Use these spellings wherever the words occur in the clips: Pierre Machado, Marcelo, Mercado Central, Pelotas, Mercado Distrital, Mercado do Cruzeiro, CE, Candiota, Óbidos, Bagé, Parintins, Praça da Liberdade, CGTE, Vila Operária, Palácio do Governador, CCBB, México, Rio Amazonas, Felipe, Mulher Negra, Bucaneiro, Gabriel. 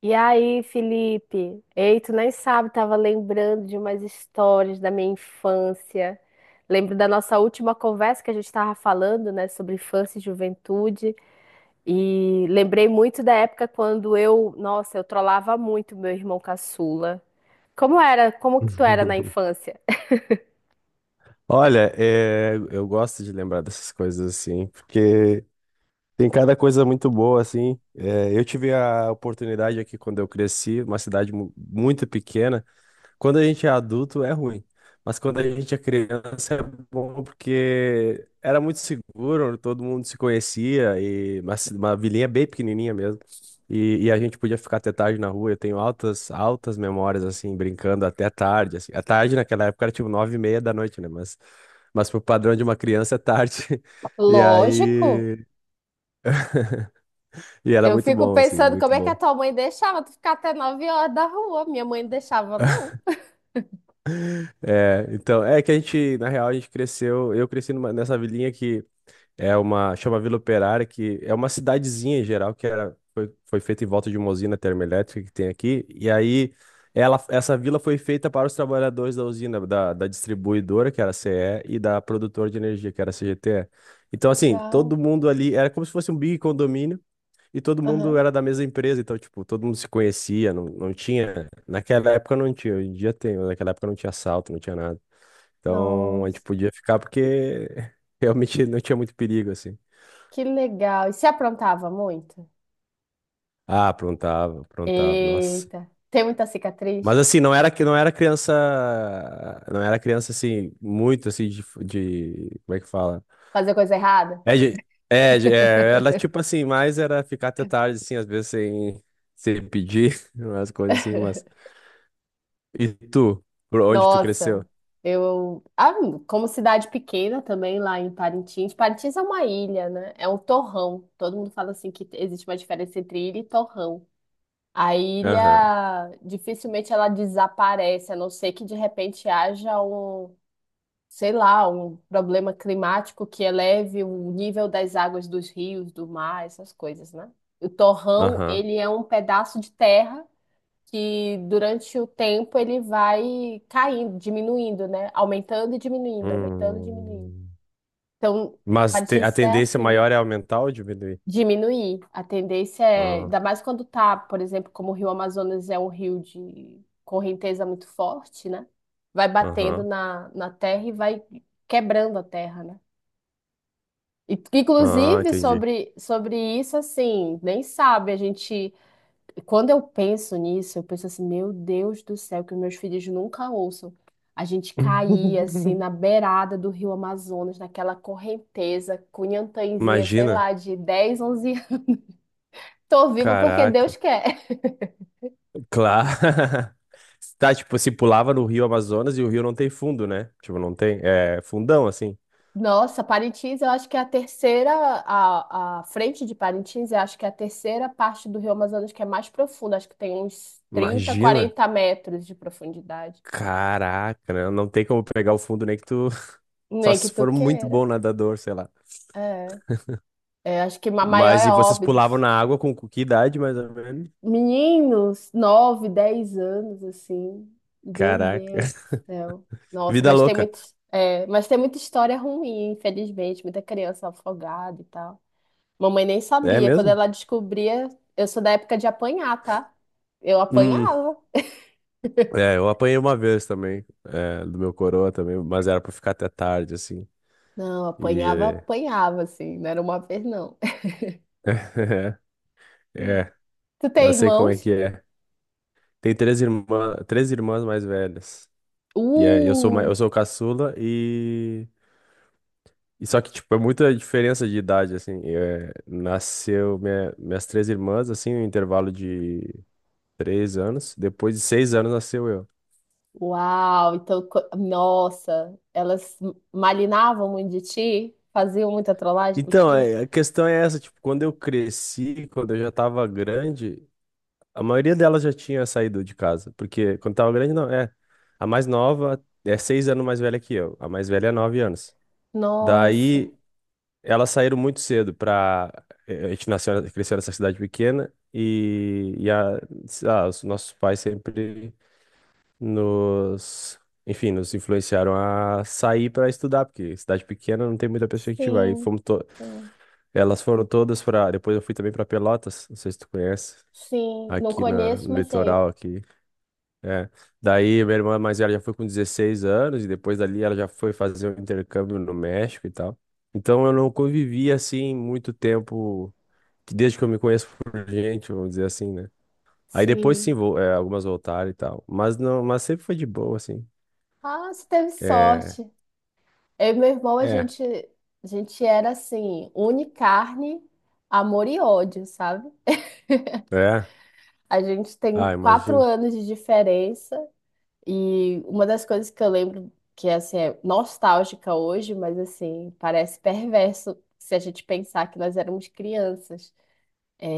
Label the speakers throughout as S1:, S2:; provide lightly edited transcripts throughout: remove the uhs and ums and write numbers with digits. S1: E aí, Felipe? Ei, tu nem sabe, tava lembrando de umas histórias da minha infância. Lembro da nossa última conversa que a gente tava falando, né, sobre infância e juventude. E lembrei muito da época quando eu, nossa, eu trollava muito meu irmão caçula. Como era? Como que tu era na infância?
S2: Olha, eu gosto de lembrar dessas coisas assim, porque tem cada coisa muito boa assim. Eu tive a oportunidade aqui quando eu cresci, uma cidade muito pequena. Quando a gente é adulto é ruim, mas quando a gente é criança é bom, porque era muito seguro, todo mundo se conhecia e uma vilinha bem pequenininha mesmo. E a gente podia ficar até tarde na rua. Eu tenho altas memórias assim, brincando até tarde. Assim. A tarde naquela época era tipo nove e meia da noite, né? Mas pro padrão de uma criança é tarde. E
S1: Lógico.
S2: aí, e era
S1: Eu
S2: muito
S1: fico
S2: bom, assim,
S1: pensando como
S2: muito
S1: é que a
S2: bom.
S1: tua mãe deixava tu ficar até 9 horas da rua. Minha mãe não deixava, não.
S2: É, então, é que a gente cresceu. Eu cresci nessa vilinha que é uma, chama Vila Operária, que é uma cidadezinha em geral, que foi, foi feita em volta de uma usina termoelétrica que tem aqui. E aí, ela, essa vila foi feita para os trabalhadores da usina, da distribuidora, que era a CE, e da produtora de energia, que era a CGTE. Então, assim, todo
S1: Legal.
S2: mundo ali era como se fosse um big condomínio, e todo mundo
S1: Aham.
S2: era da mesma empresa. Então, tipo, todo mundo se conhecia, não tinha. Naquela época não tinha, hoje em dia tem, mas naquela época não tinha assalto, não tinha nada. Então, a gente
S1: Nossa.
S2: podia ficar porque realmente não tinha muito perigo, assim.
S1: Que legal. E se aprontava muito?
S2: Ah, aprontava, aprontava, nossa.
S1: Eita, tem muita
S2: Mas
S1: cicatriz?
S2: assim, não era criança assim muito assim como é que fala?
S1: Fazer coisa errada?
S2: Era tipo assim, mais era ficar até tarde assim, às vezes sem pedir umas coisas assim, mas e tu? Por onde tu cresceu?
S1: Nossa, eu. Ah, como cidade pequena também, lá em Parintins. Parintins é uma ilha, né? É um torrão. Todo mundo fala assim que existe uma diferença entre ilha e torrão. A
S2: Aham,
S1: ilha dificilmente ela desaparece, a não ser que de repente haja um, sei lá, um problema climático que eleve o nível das águas dos rios, do mar, essas coisas, né? O torrão,
S2: aham.
S1: ele é um pedaço de terra que durante o tempo ele vai caindo, diminuindo, né? Aumentando e diminuindo, aumentando e diminuindo.
S2: Hum.
S1: Então,
S2: Mas
S1: a
S2: a
S1: notícia é
S2: tendência
S1: assim.
S2: maior é aumentar ou diminuir?
S1: Diminuir. A tendência é,
S2: Ah,
S1: ainda mais quando tá, por exemplo, como o Rio Amazonas é um rio de correnteza muito forte, né? Vai batendo
S2: aham.
S1: na terra e vai quebrando a terra, né? E
S2: Ah,
S1: inclusive,
S2: entendi.
S1: sobre isso, assim, nem sabe, a gente... Quando eu penso nisso, eu penso assim, meu Deus do céu, que os meus filhos nunca ouçam. A gente caía, assim, na beirada do rio Amazonas, naquela correnteza, com inhantãzinha, sei
S2: Imagina,
S1: lá, de 10 ou 11 anos. Tô vivo porque Deus
S2: caraca.
S1: quer.
S2: Claro. Tá, tipo, se pulava no Rio Amazonas e o rio não tem fundo, né? Tipo, não tem. É fundão, assim.
S1: Nossa, Parintins, eu acho que é a terceira... A frente de Parintins, eu acho que é a terceira parte do rio Amazonas que é mais profunda. Acho que tem uns 30
S2: Imagina.
S1: 40 metros de profundidade.
S2: Caraca, né? Não tem como pegar o fundo nem que tu. Só
S1: Nem que
S2: se
S1: tu
S2: for muito
S1: queira.
S2: bom nadador, sei lá.
S1: É. É, acho que a maior
S2: Mas
S1: é
S2: e vocês pulavam
S1: Óbidos.
S2: na água com que idade, mais ou menos?
S1: Meninos, 9 ou 10 anos, assim. Meu
S2: Caraca.
S1: Deus do céu. Nossa,
S2: Vida
S1: mas tem
S2: louca.
S1: muito, é, mas tem muita história ruim, infelizmente. Muita criança afogada e tal. Mamãe nem
S2: É
S1: sabia. Quando
S2: mesmo?
S1: ela descobria, eu sou da época de apanhar, tá? Eu
S2: Hum.
S1: apanhava.
S2: É, eu apanhei uma vez também, é, do meu coroa também. Mas era pra ficar até tarde, assim.
S1: Não, apanhava,
S2: E.
S1: apanhava, assim. Não era uma vez, não.
S2: É.
S1: Tu
S2: Não
S1: tem
S2: sei como é
S1: irmãos?
S2: que é. Tem três irmãs mais velhas. Eu sou,
S1: Uh!
S2: eu sou o caçula, e só que tipo é muita diferença de idade assim. É, minhas três irmãs assim, em um intervalo de três anos. Depois de seis anos nasceu eu.
S1: Uau, então, co- nossa, elas malinavam muito de ti? Faziam muita trollagem
S2: Então,
S1: contigo?
S2: é, a questão é essa, tipo, quando eu cresci, quando eu já tava grande, a maioria delas já tinha saído de casa, porque quando tava grande não, é a mais nova é seis anos mais velha que eu, a mais velha é nove anos.
S1: Nossa,
S2: Daí elas saíram muito cedo. Para A gente nasceu, cresceu nessa cidade pequena, ah, os nossos pais sempre nos, enfim, nos influenciaram a sair para estudar, porque cidade pequena não tem muita perspectiva.
S1: sim, sim,
S2: Elas foram todas para, depois eu fui também para Pelotas, não sei se tu conhece,
S1: sim. Não conheço,
S2: no
S1: mas sei.
S2: litoral aqui. É. Daí minha irmã mais velha já foi com 16 anos e depois dali ela já foi fazer um intercâmbio no México e tal. Então eu não convivi assim muito tempo, que desde que eu me conheço por gente, vamos dizer assim, né? Aí depois sim,
S1: Sim.
S2: algumas voltaram e tal. Mas não, mas sempre foi de boa, assim.
S1: Ah, você teve
S2: É,
S1: sorte. Eu e meu irmão,
S2: é,
S1: a gente era assim, une carne, amor e ódio, sabe?
S2: é.
S1: A gente tem
S2: Ah,
S1: quatro
S2: imagino.
S1: anos de diferença. E uma das coisas que eu lembro que assim, é nostálgica hoje, mas assim, parece perverso se a gente pensar que nós éramos crianças.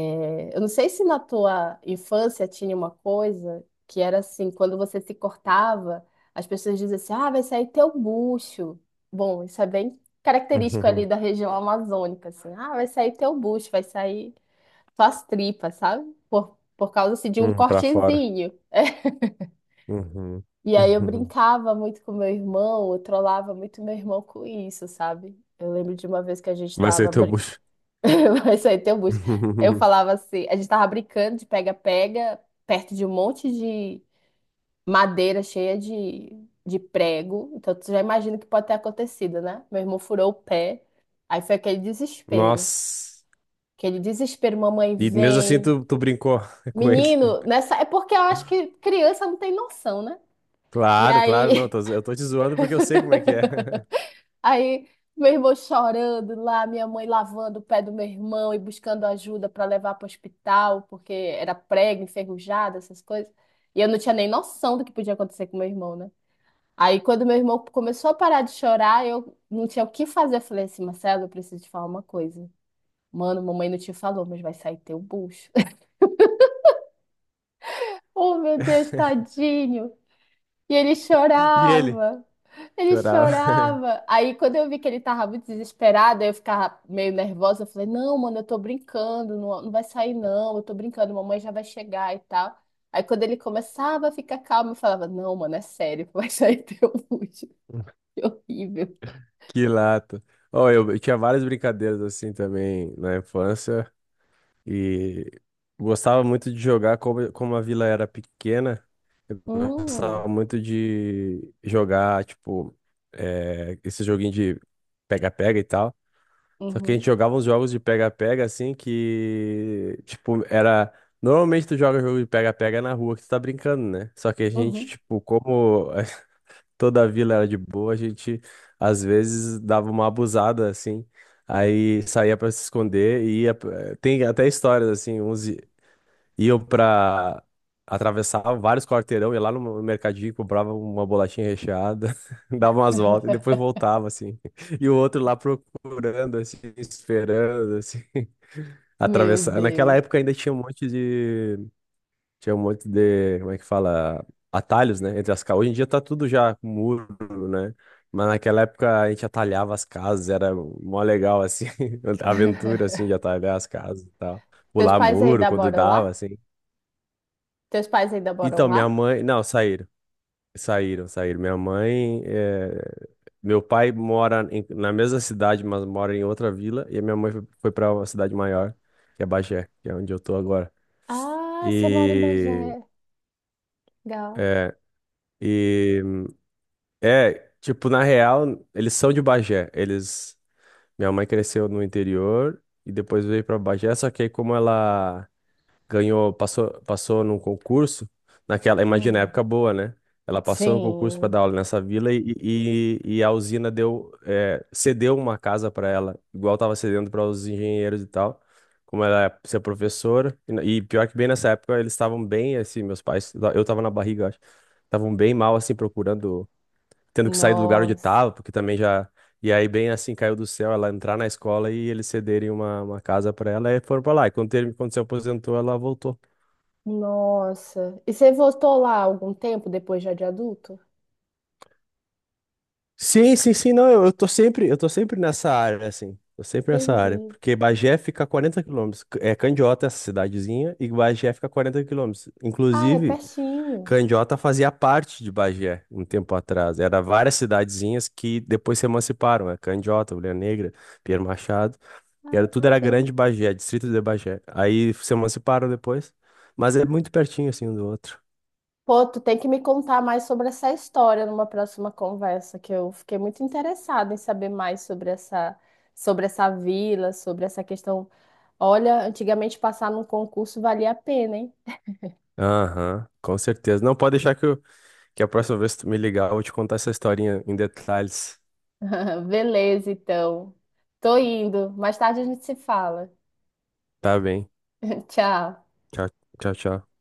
S1: É, eu não sei se na tua infância tinha uma coisa que era assim, quando você se cortava, as pessoas diziam assim, ah, vai sair teu bucho. Bom, isso é bem característico ali da região amazônica, assim, ah, vai sair teu bucho, vai sair tuas tripas, sabe? Por causa assim, de um
S2: Uhum, uhum, pra fora.
S1: cortezinho.
S2: Uhum,
S1: E aí eu
S2: uhum.
S1: brincava muito com meu irmão, eu trollava muito meu irmão com isso, sabe? Eu lembro de uma vez que a gente
S2: Vai ser
S1: tava
S2: teu
S1: brin...
S2: bucho.
S1: Isso aí tem um bucho. Eu falava assim, a gente tava brincando de pega-pega perto de um monte de madeira cheia de prego. Então tu já imagina o que pode ter acontecido, né? Meu irmão furou o pé. Aí foi aquele desespero.
S2: Nossa.
S1: Aquele desespero, mamãe
S2: E mesmo assim
S1: vem.
S2: tu brincou com ele.
S1: Menino, nessa é porque eu acho que criança não tem noção, né? E
S2: Claro, claro, não.
S1: aí
S2: Eu tô te zoando porque eu sei como é que é.
S1: Aí meu irmão chorando lá, minha mãe lavando o pé do meu irmão e buscando ajuda para levar para o hospital, porque era prego, enferrujado, essas coisas. E eu não tinha nem noção do que podia acontecer com meu irmão, né? Aí quando meu irmão começou a parar de chorar, eu não tinha o que fazer. Eu falei assim, Marcelo, eu preciso te falar uma coisa. Mano, mamãe não te falou, mas vai sair teu bucho. Oh, meu Deus, tadinho. E ele
S2: E ele?
S1: chorava. Ele
S2: Chorava.
S1: chorava. Aí, quando eu vi que ele tava muito desesperado, aí eu ficava meio nervosa. Eu falei: Não, mano, eu tô brincando, não, não vai sair, não. Eu tô brincando, mamãe já vai chegar e tal. Aí, quando ele começava a ficar calmo, eu falava: Não, mano, é sério, vai sair teu útero. Que horrível.
S2: Que lata. Ó, eu tinha várias brincadeiras assim também na infância, e gostava muito de jogar, como, como a vila era pequena, gostava
S1: Hum,
S2: muito de jogar, tipo, esse joguinho de pega-pega e tal. Só que a
S1: uhum,
S2: gente jogava uns jogos de pega-pega assim que, tipo, era... Normalmente tu joga jogo de pega-pega na rua que tu tá brincando, né? Só que a gente,
S1: uhum.
S2: tipo, como toda a vila era de boa, a gente às vezes dava uma abusada assim, aí saía pra se esconder Tem até histórias assim, iam pra, atravessavam vários quarteirão, ia lá no mercadinho, comprava uma bolachinha recheada, dava umas voltas e depois voltava assim. E o outro lá procurando, assim, esperando, assim,
S1: Meu
S2: atravessar. Naquela
S1: Deus.
S2: época ainda tinha um monte de, como é que fala, atalhos, né, entre as casas. Hoje em dia tá tudo já com muro, né? Mas naquela época a gente atalhava as casas, era mó legal, assim, a aventura, assim, de atalhar as casas e tal.
S1: Teus
S2: Pular
S1: pais
S2: muro
S1: ainda
S2: quando
S1: moram
S2: dava,
S1: lá?
S2: assim.
S1: Teus pais ainda moram
S2: Então, minha
S1: lá?
S2: mãe... Não, saíram. Saíram, saíram. Minha mãe... meu pai mora na mesma cidade, mas mora em outra vila. E a minha mãe foi para uma cidade maior, que é Bagé, que é onde eu tô agora.
S1: Ah, você mora em
S2: E...
S1: Bagé. Legal.
S2: é, e é, tipo, na real, eles são de Bagé. Eles. Minha mãe cresceu no interior e depois veio pra Bagé, só que aí como ela passou num concurso, naquela, imagina,
S1: Hum,
S2: época boa, né? Ela passou no concurso pra
S1: sim.
S2: dar aula nessa vila, e a usina cedeu uma casa pra ela, igual tava cedendo para os engenheiros e tal. Como ela ia ser professora, e pior que bem nessa época eles estavam bem, assim, meus pais, eu tava na barriga, eu acho, estavam bem mal, assim, procurando, tendo que sair do lugar onde
S1: Nossa.
S2: estava, porque também já. E aí, bem assim, caiu do céu ela entrar na escola e eles cederem uma casa para ela e foram para lá. E quando se aposentou, ela voltou.
S1: Nossa. E você voltou lá algum tempo depois já de adulto?
S2: Sim, sim, sim, não, eu tô sempre nessa área, assim. Tô sempre nessa área,
S1: Entendi.
S2: porque Bagé fica a 40 quilômetros. É Candiota essa cidadezinha e Bagé fica a 40 quilômetros.
S1: Ah, é
S2: Inclusive,
S1: pertinho.
S2: Candiota fazia parte de Bagé um tempo atrás. Era várias cidadezinhas que depois se emanciparam, né? Candiota, Mulher Negra, Pierre Machado. E
S1: Ah,
S2: era, tudo era Grande
S1: bacana.
S2: Bagé, distrito de Bagé. Aí se emanciparam depois. Mas é muito pertinho, assim, um do outro.
S1: Pô, tu tem que me contar mais sobre essa história numa próxima conversa, que eu fiquei muito interessada em saber mais sobre essa vila, sobre essa questão. Olha, antigamente passar num concurso valia a pena, hein?
S2: Aham, com certeza. Não pode deixar que a próxima vez que tu me ligar, eu vou te contar essa historinha em detalhes.
S1: Beleza, então. Tô indo. Mais tarde a gente se fala.
S2: Tá bem.
S1: Tchau.
S2: Tchau, tchau, tchau.